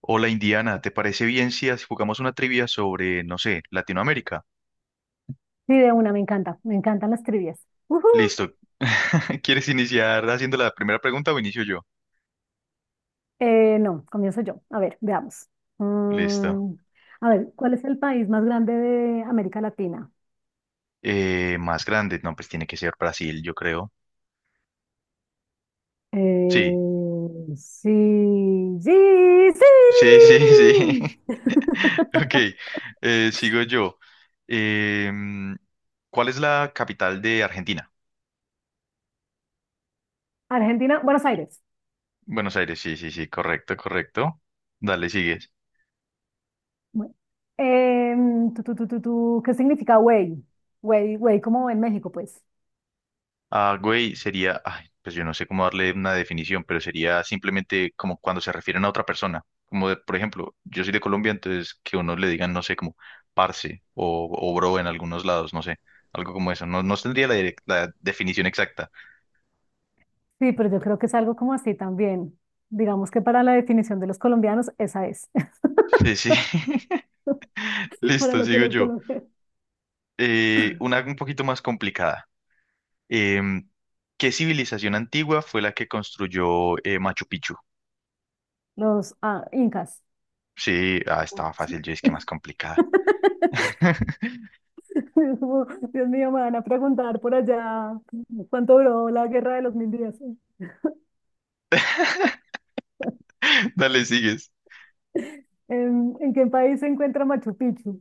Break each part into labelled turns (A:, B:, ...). A: Hola Indiana, ¿te parece bien si jugamos una trivia sobre, no sé, Latinoamérica?
B: Sí, de una, me encanta, me encantan las trivias. Ujú.
A: Listo. ¿Quieres iniciar haciendo la primera pregunta o inicio yo?
B: No, comienzo yo. A ver, veamos.
A: Listo.
B: Mm, a ver, ¿cuál es el país más grande de América Latina?
A: Más grande, no, pues tiene que ser Brasil, yo creo. Sí,
B: Eh, sí, sí,
A: sí,
B: sí.
A: sí, sí. Ok, sigo yo. Em, ¿Cuál es la capital de Argentina?
B: Argentina, Buenos Aires.
A: Buenos Aires, sí, sí, sí, correcto, correcto. Dale, sigues.
B: Bueno. Tu, ¿qué significa güey? Güey, como en México, pues.
A: Ah, güey, sería, ay, pues yo no sé cómo darle una definición, pero sería simplemente como cuando se refieren a otra persona. Como de, por ejemplo, yo soy de Colombia, entonces que uno le digan, no sé, como parce o bro en algunos lados, no sé, algo como eso. No, no tendría la, la definición exacta.
B: Sí, pero yo creo que es algo como así también. Digamos que para la definición de los colombianos, esa es.
A: Sí, sí.
B: Para
A: Listo,
B: lo que
A: sigo
B: los
A: yo.
B: colombianos.
A: Una un poquito más complicada. Em, ¿Qué civilización antigua fue la que construyó Machu Picchu?
B: Los incas.
A: Sí, ah, estaba
B: ¿Sí?
A: fácil, yo es que más complicada.
B: Es como, Dios mío, me van a preguntar por allá cuánto duró la guerra de los mil días.
A: Dale, sigues.
B: ¿En qué país se encuentra Machu Picchu?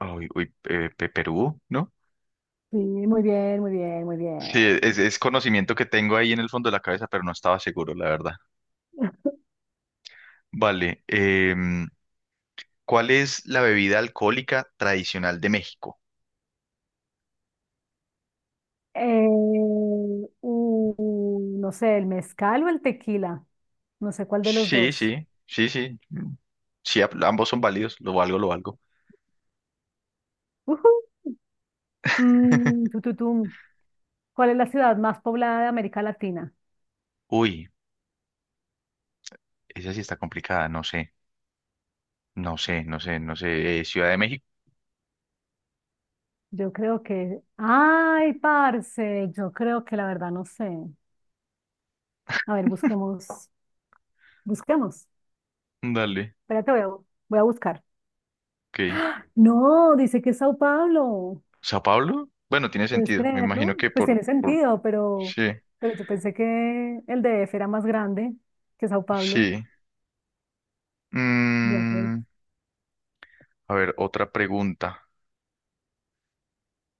A: Uy, uy, Perú, ¿no?
B: Sí, muy bien, muy bien, muy
A: Sí,
B: bien.
A: es conocimiento que tengo ahí en el fondo de la cabeza, pero no estaba seguro, la verdad. Vale, ¿cuál es la bebida alcohólica tradicional de México?
B: Eh, uh, no sé, ¿el mezcal o el tequila? No sé cuál de los
A: Sí,
B: dos.
A: sí, sí, sí. Mm, sí, ambos son válidos, lo valgo, lo valgo.
B: Ujú. Mm, tu, tum. ¿Cuál es la ciudad más poblada de América Latina?
A: Uy, esa sí está complicada, no sé, no sé, no sé, no sé. Ciudad de México,
B: Yo creo que... Ay, parce, yo creo que la verdad no sé. A ver, busquemos. Busquemos.
A: dale,
B: Espérate, voy a buscar.
A: ok.
B: No, dice que es Sao Paulo.
A: ¿Sao Paulo? Bueno, tiene
B: ¿Puedes
A: sentido, me
B: creerlo?
A: imagino que
B: Pues tiene
A: por...
B: sentido, pero,
A: Sí,
B: pero yo pensé que el DF era más grande que Sao Paulo.
A: sí.
B: Ya pues.
A: Mm, a ver, otra pregunta.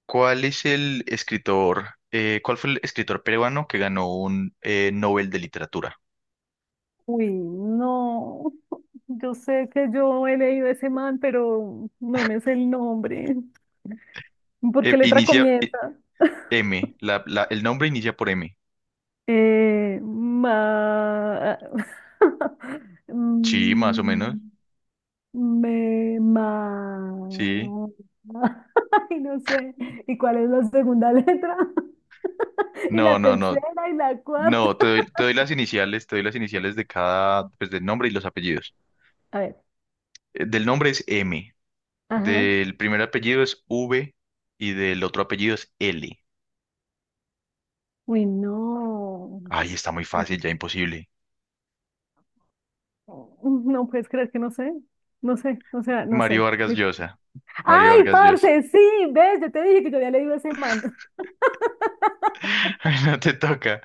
A: ¿Cuál es el escritor, cuál fue el escritor peruano que ganó un Nobel de Literatura?
B: Uy, no. Yo sé que yo he leído ese man, pero no me sé el nombre. ¿Por qué
A: Eh,
B: letra
A: inicia eh,
B: comienza?
A: M, el nombre inicia por M.
B: Ma...
A: Sí, más o menos.
B: Mm, me
A: Sí.
B: ma... Ay, no sé. ¿Y cuál es la segunda letra? Y
A: No,
B: la
A: no,
B: tercera
A: no.
B: y la cuarta.
A: No, te doy las iniciales, te doy las iniciales de cada, pues del nombre y los apellidos.
B: A ver.
A: Del nombre es M,
B: Ajá.
A: del primer apellido es V y del otro apellido es L.
B: Uy, no.
A: Ay, está muy fácil, ya imposible.
B: No puedes creer que no sé. No sé, o sea, no
A: Mario
B: sé.
A: Vargas
B: Li-
A: Llosa. Mario
B: ¡Ay,
A: Vargas Llosa.
B: parce! Sí, ves, yo te dije que yo había leído ese man.
A: No te toca.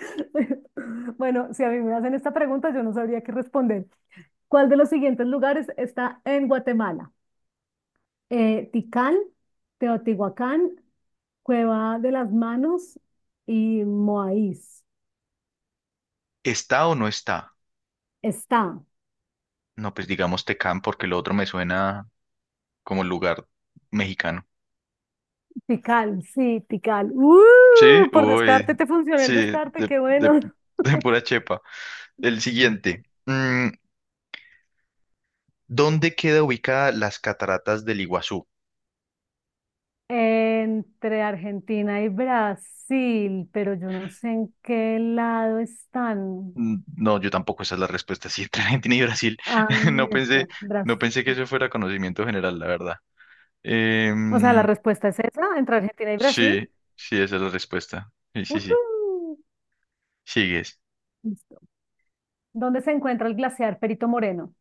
B: Bueno, si a mí me hacen esta pregunta, yo no sabría qué responder. ¿Cuál de los siguientes lugares está en Guatemala? Ticán, Teotihuacán, Cueva de las Manos y Moáis.
A: ¿Está o no está?
B: Está.
A: No, pues digamos Tecán porque lo otro me suena como lugar mexicano.
B: Tikal, sí, Tikal. ¡Uh!
A: Sí,
B: Por
A: uy,
B: descarte te funcionó el
A: sí,
B: descarte,
A: de,
B: qué
A: de,
B: bueno.
A: de pura chepa. El siguiente. ¿Dónde queda ubicada las cataratas del Iguazú?
B: Entre Argentina y Brasil, pero yo no sé en qué lado están.
A: Mm, no, yo tampoco esa es la respuesta. Sí, entre Argentina y Brasil.
B: Ah,
A: No pensé,
B: bestia, Brasil.
A: no pensé que eso fuera conocimiento general, la verdad.
B: O sea, la
A: Em,
B: respuesta es esa, entre Argentina y Brasil.
A: sí, sí, esa es la respuesta. Sí, sí,
B: Ujú.
A: sí. Sigues.
B: Listo. ¿Dónde se encuentra el glaciar Perito Moreno?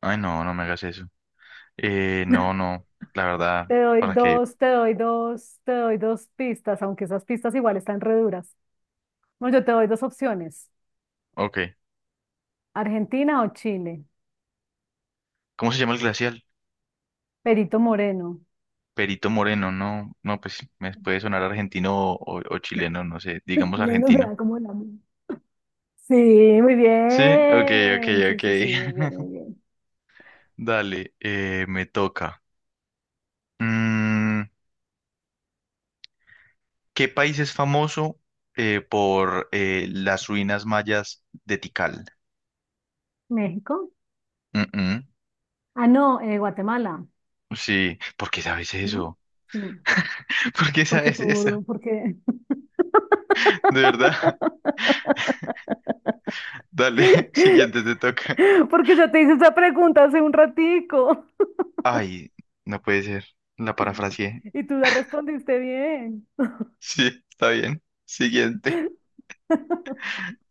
A: Ay, no, no me hagas eso. No, no, la verdad, ¿para qué?
B: Te doy dos pistas, aunque esas pistas igual están re duras. Bueno, yo te doy dos opciones,
A: Ok.
B: Argentina o Chile.
A: ¿Cómo se llama el glacial?
B: Perito Moreno.
A: Perito Moreno, no, no, pues me puede sonar argentino o chileno, no sé,
B: Los
A: digamos
B: chilenos me
A: argentino.
B: dan como la misma. Sí, muy
A: Sí, ok, ok,
B: bien. Sí, sí, sí, muy
A: ok.
B: bien, muy bien.
A: Dale, me toca. Mm, ¿Qué país es famoso por las ruinas mayas de Tikal?
B: México.
A: Mm, mm,
B: No, Guatemala,
A: sí, ¿por qué sabes
B: ¿no?
A: eso?
B: Sí,
A: ¿Por qué
B: porque
A: sabes eso?
B: tú, porque...
A: De verdad. Dale, siguiente te toca.
B: Porque yo te hice esa pregunta hace un ratico.
A: Ay, no puede ser. La parafraseé.
B: Y tú la respondiste bien.
A: Sí, está bien. Siguiente.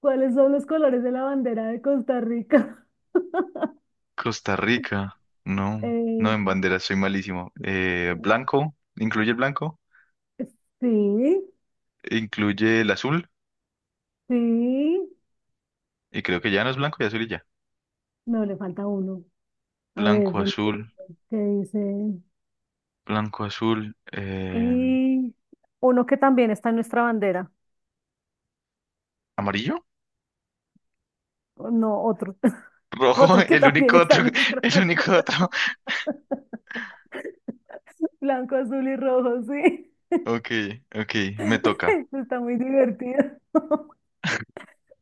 B: ¿Cuáles son los colores de la bandera de Costa Rica?
A: Costa Rica. No, no en
B: Eh,
A: bandera, soy malísimo. Incluye el blanco,
B: sí,
A: incluye el azul,
B: sí.
A: y creo que ya no es blanco y azul y ya.
B: No, le falta uno. A ver,
A: Blanco,
B: ven, ven,
A: azul,
B: ven, ¿qué dice?
A: blanco, azul,
B: Y uno que también está en nuestra bandera.
A: amarillo,
B: O no, otro.
A: rojo,
B: Otro que
A: el
B: también
A: único
B: está
A: otro,
B: en nuestra
A: el único
B: bandera.
A: otro.
B: Blanco, azul y rojo, sí.
A: Ok, ok, me toca.
B: Está muy divertido.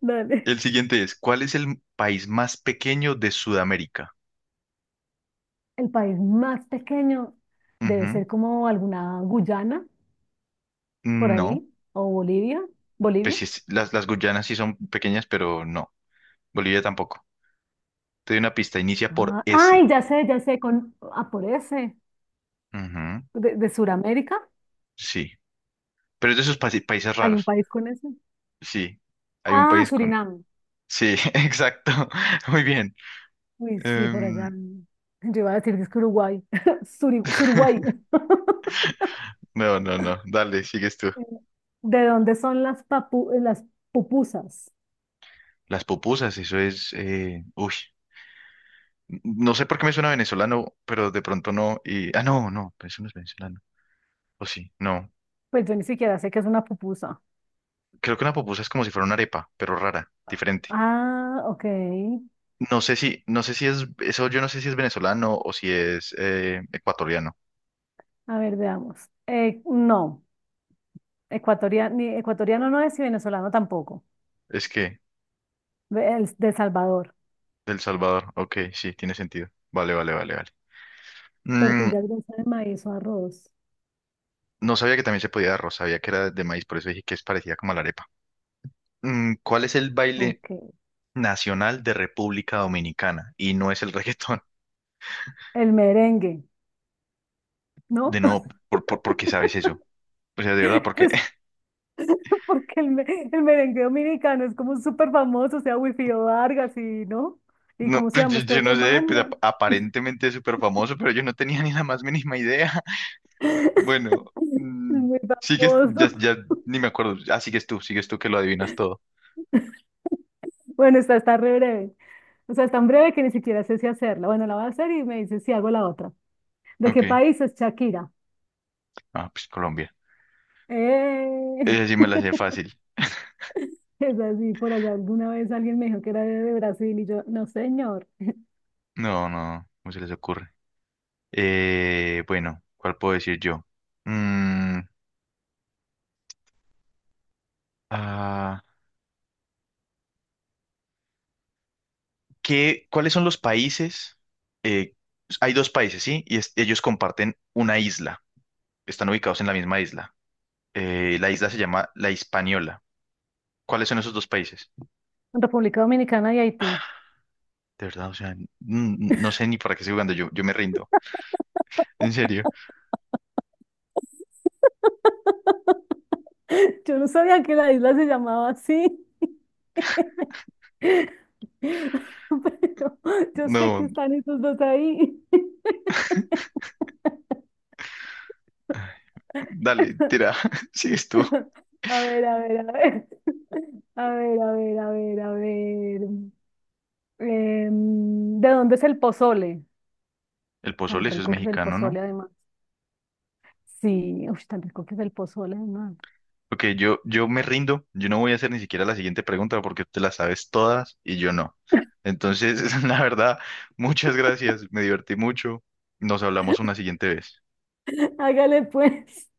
B: Dale.
A: El siguiente es, ¿cuál es el país más pequeño de Sudamérica?
B: El país más pequeño debe
A: Ujú.
B: ser como alguna Guyana, por
A: No.
B: ahí, o Bolivia.
A: Pues
B: Bolivia.
A: sí las Guyanas sí son pequeñas, pero no. Bolivia tampoco. Te doy una pista, inicia por S.
B: Ya sé, con, ah, por ese,
A: Ujú,
B: de Sudamérica.
A: sí. Pero es de esos países
B: Hay un
A: raros.
B: país con ese.
A: Sí. Hay un
B: Ah,
A: país con.
B: Surinam.
A: Sí, exacto. Muy bien.
B: Uy, sí, por
A: Em,
B: allá. Yo iba a decir que es que Uruguay. Suri- Suruguay.
A: no, no, no. Dale, sigues tú.
B: ¿De dónde son las pupusas?
A: Las pupusas, eso es. Uy. No sé por qué me suena venezolano, pero de pronto no. Y... Ah, no, no, eso no es venezolano. O sí, no.
B: Pues yo ni siquiera sé qué es una pupusa.
A: Creo que una pupusa es como si fuera una arepa, pero rara, diferente.
B: Ah, ok.
A: No sé si, no sé si es, eso yo no sé si es venezolano o si es ecuatoriano.
B: A ver, veamos. No. Ecuatoriano, ni ecuatoriano no es y venezolano tampoco.
A: Es que,
B: Ve- El de Salvador.
A: del Salvador. Ok, sí, tiene sentido. Vale, vale, vale, vale. Mm,
B: Tortillas de maíz o arroz.
A: no sabía que también se podía de arroz, sabía que era de maíz, por eso dije que es parecida como a la arepa. ¿Cuál es el baile
B: Ok.
A: nacional de República Dominicana? Y no es el reggaetón.
B: El merengue,
A: De
B: ¿no?
A: nuevo, ¿ por qué sabes eso? O sea, de verdad, porque
B: Pues porque el merengue dominicano es como súper famoso, o sea, Wilfrido Vargas y, ¿no? ¿Y
A: no,
B: cómo se
A: pues, yo,
B: llama este
A: yo no
B: otro
A: sé, pues
B: man?
A: aparentemente es súper famoso, pero yo no tenía ni la más mínima idea. Bueno,
B: Es muy
A: sigues, ya,
B: famoso.
A: ya ni me acuerdo. Ah, sigues tú que lo adivinas todo.
B: Bueno, esta está re breve. O sea, es tan breve que ni siquiera sé si hacerla. Bueno, la voy a hacer y me dice si hago la otra. ¿De qué
A: Ok.
B: país es Shakira?
A: Ah, pues Colombia.
B: ¡Eh!
A: Esa sí me la sé fácil.
B: Es así, por allá alguna vez alguien me dijo que era de Brasil y yo, no señor,
A: No, no, no se les ocurre. Bueno, ¿cuál puedo decir yo? Mm, ah, ¿qué, cuáles son los países? Eh, hay dos países, ¿sí? Y ellos comparten una isla. Están ubicados en la misma isla. La isla se llama La Hispaniola. ¿Cuáles son esos dos países?
B: República Dominicana y Haití.
A: De verdad, o sea, mm, no sé ni para qué estoy jugando. Yo me rindo. En serio.
B: Yo no sabía que la isla se llamaba así, pero yo sé que
A: No,
B: están esos dos ahí.
A: dale, tira. Sigues tú.
B: A ver, a ver, a ver, a ver, a ver, a ver, a ver. Em, ¿de dónde es el pozole?
A: El
B: Tan
A: pozole, eso es
B: rico que es el
A: mexicano, ¿no?
B: pozole además. Sí, uy, tan rico que es el pozole además.
A: Ok, yo me rindo. Yo no voy a hacer ni siquiera la siguiente pregunta porque te las sabes todas y yo no. Entonces, la verdad, muchas gracias. Me divertí mucho. Nos hablamos una siguiente vez.
B: Hágale pues.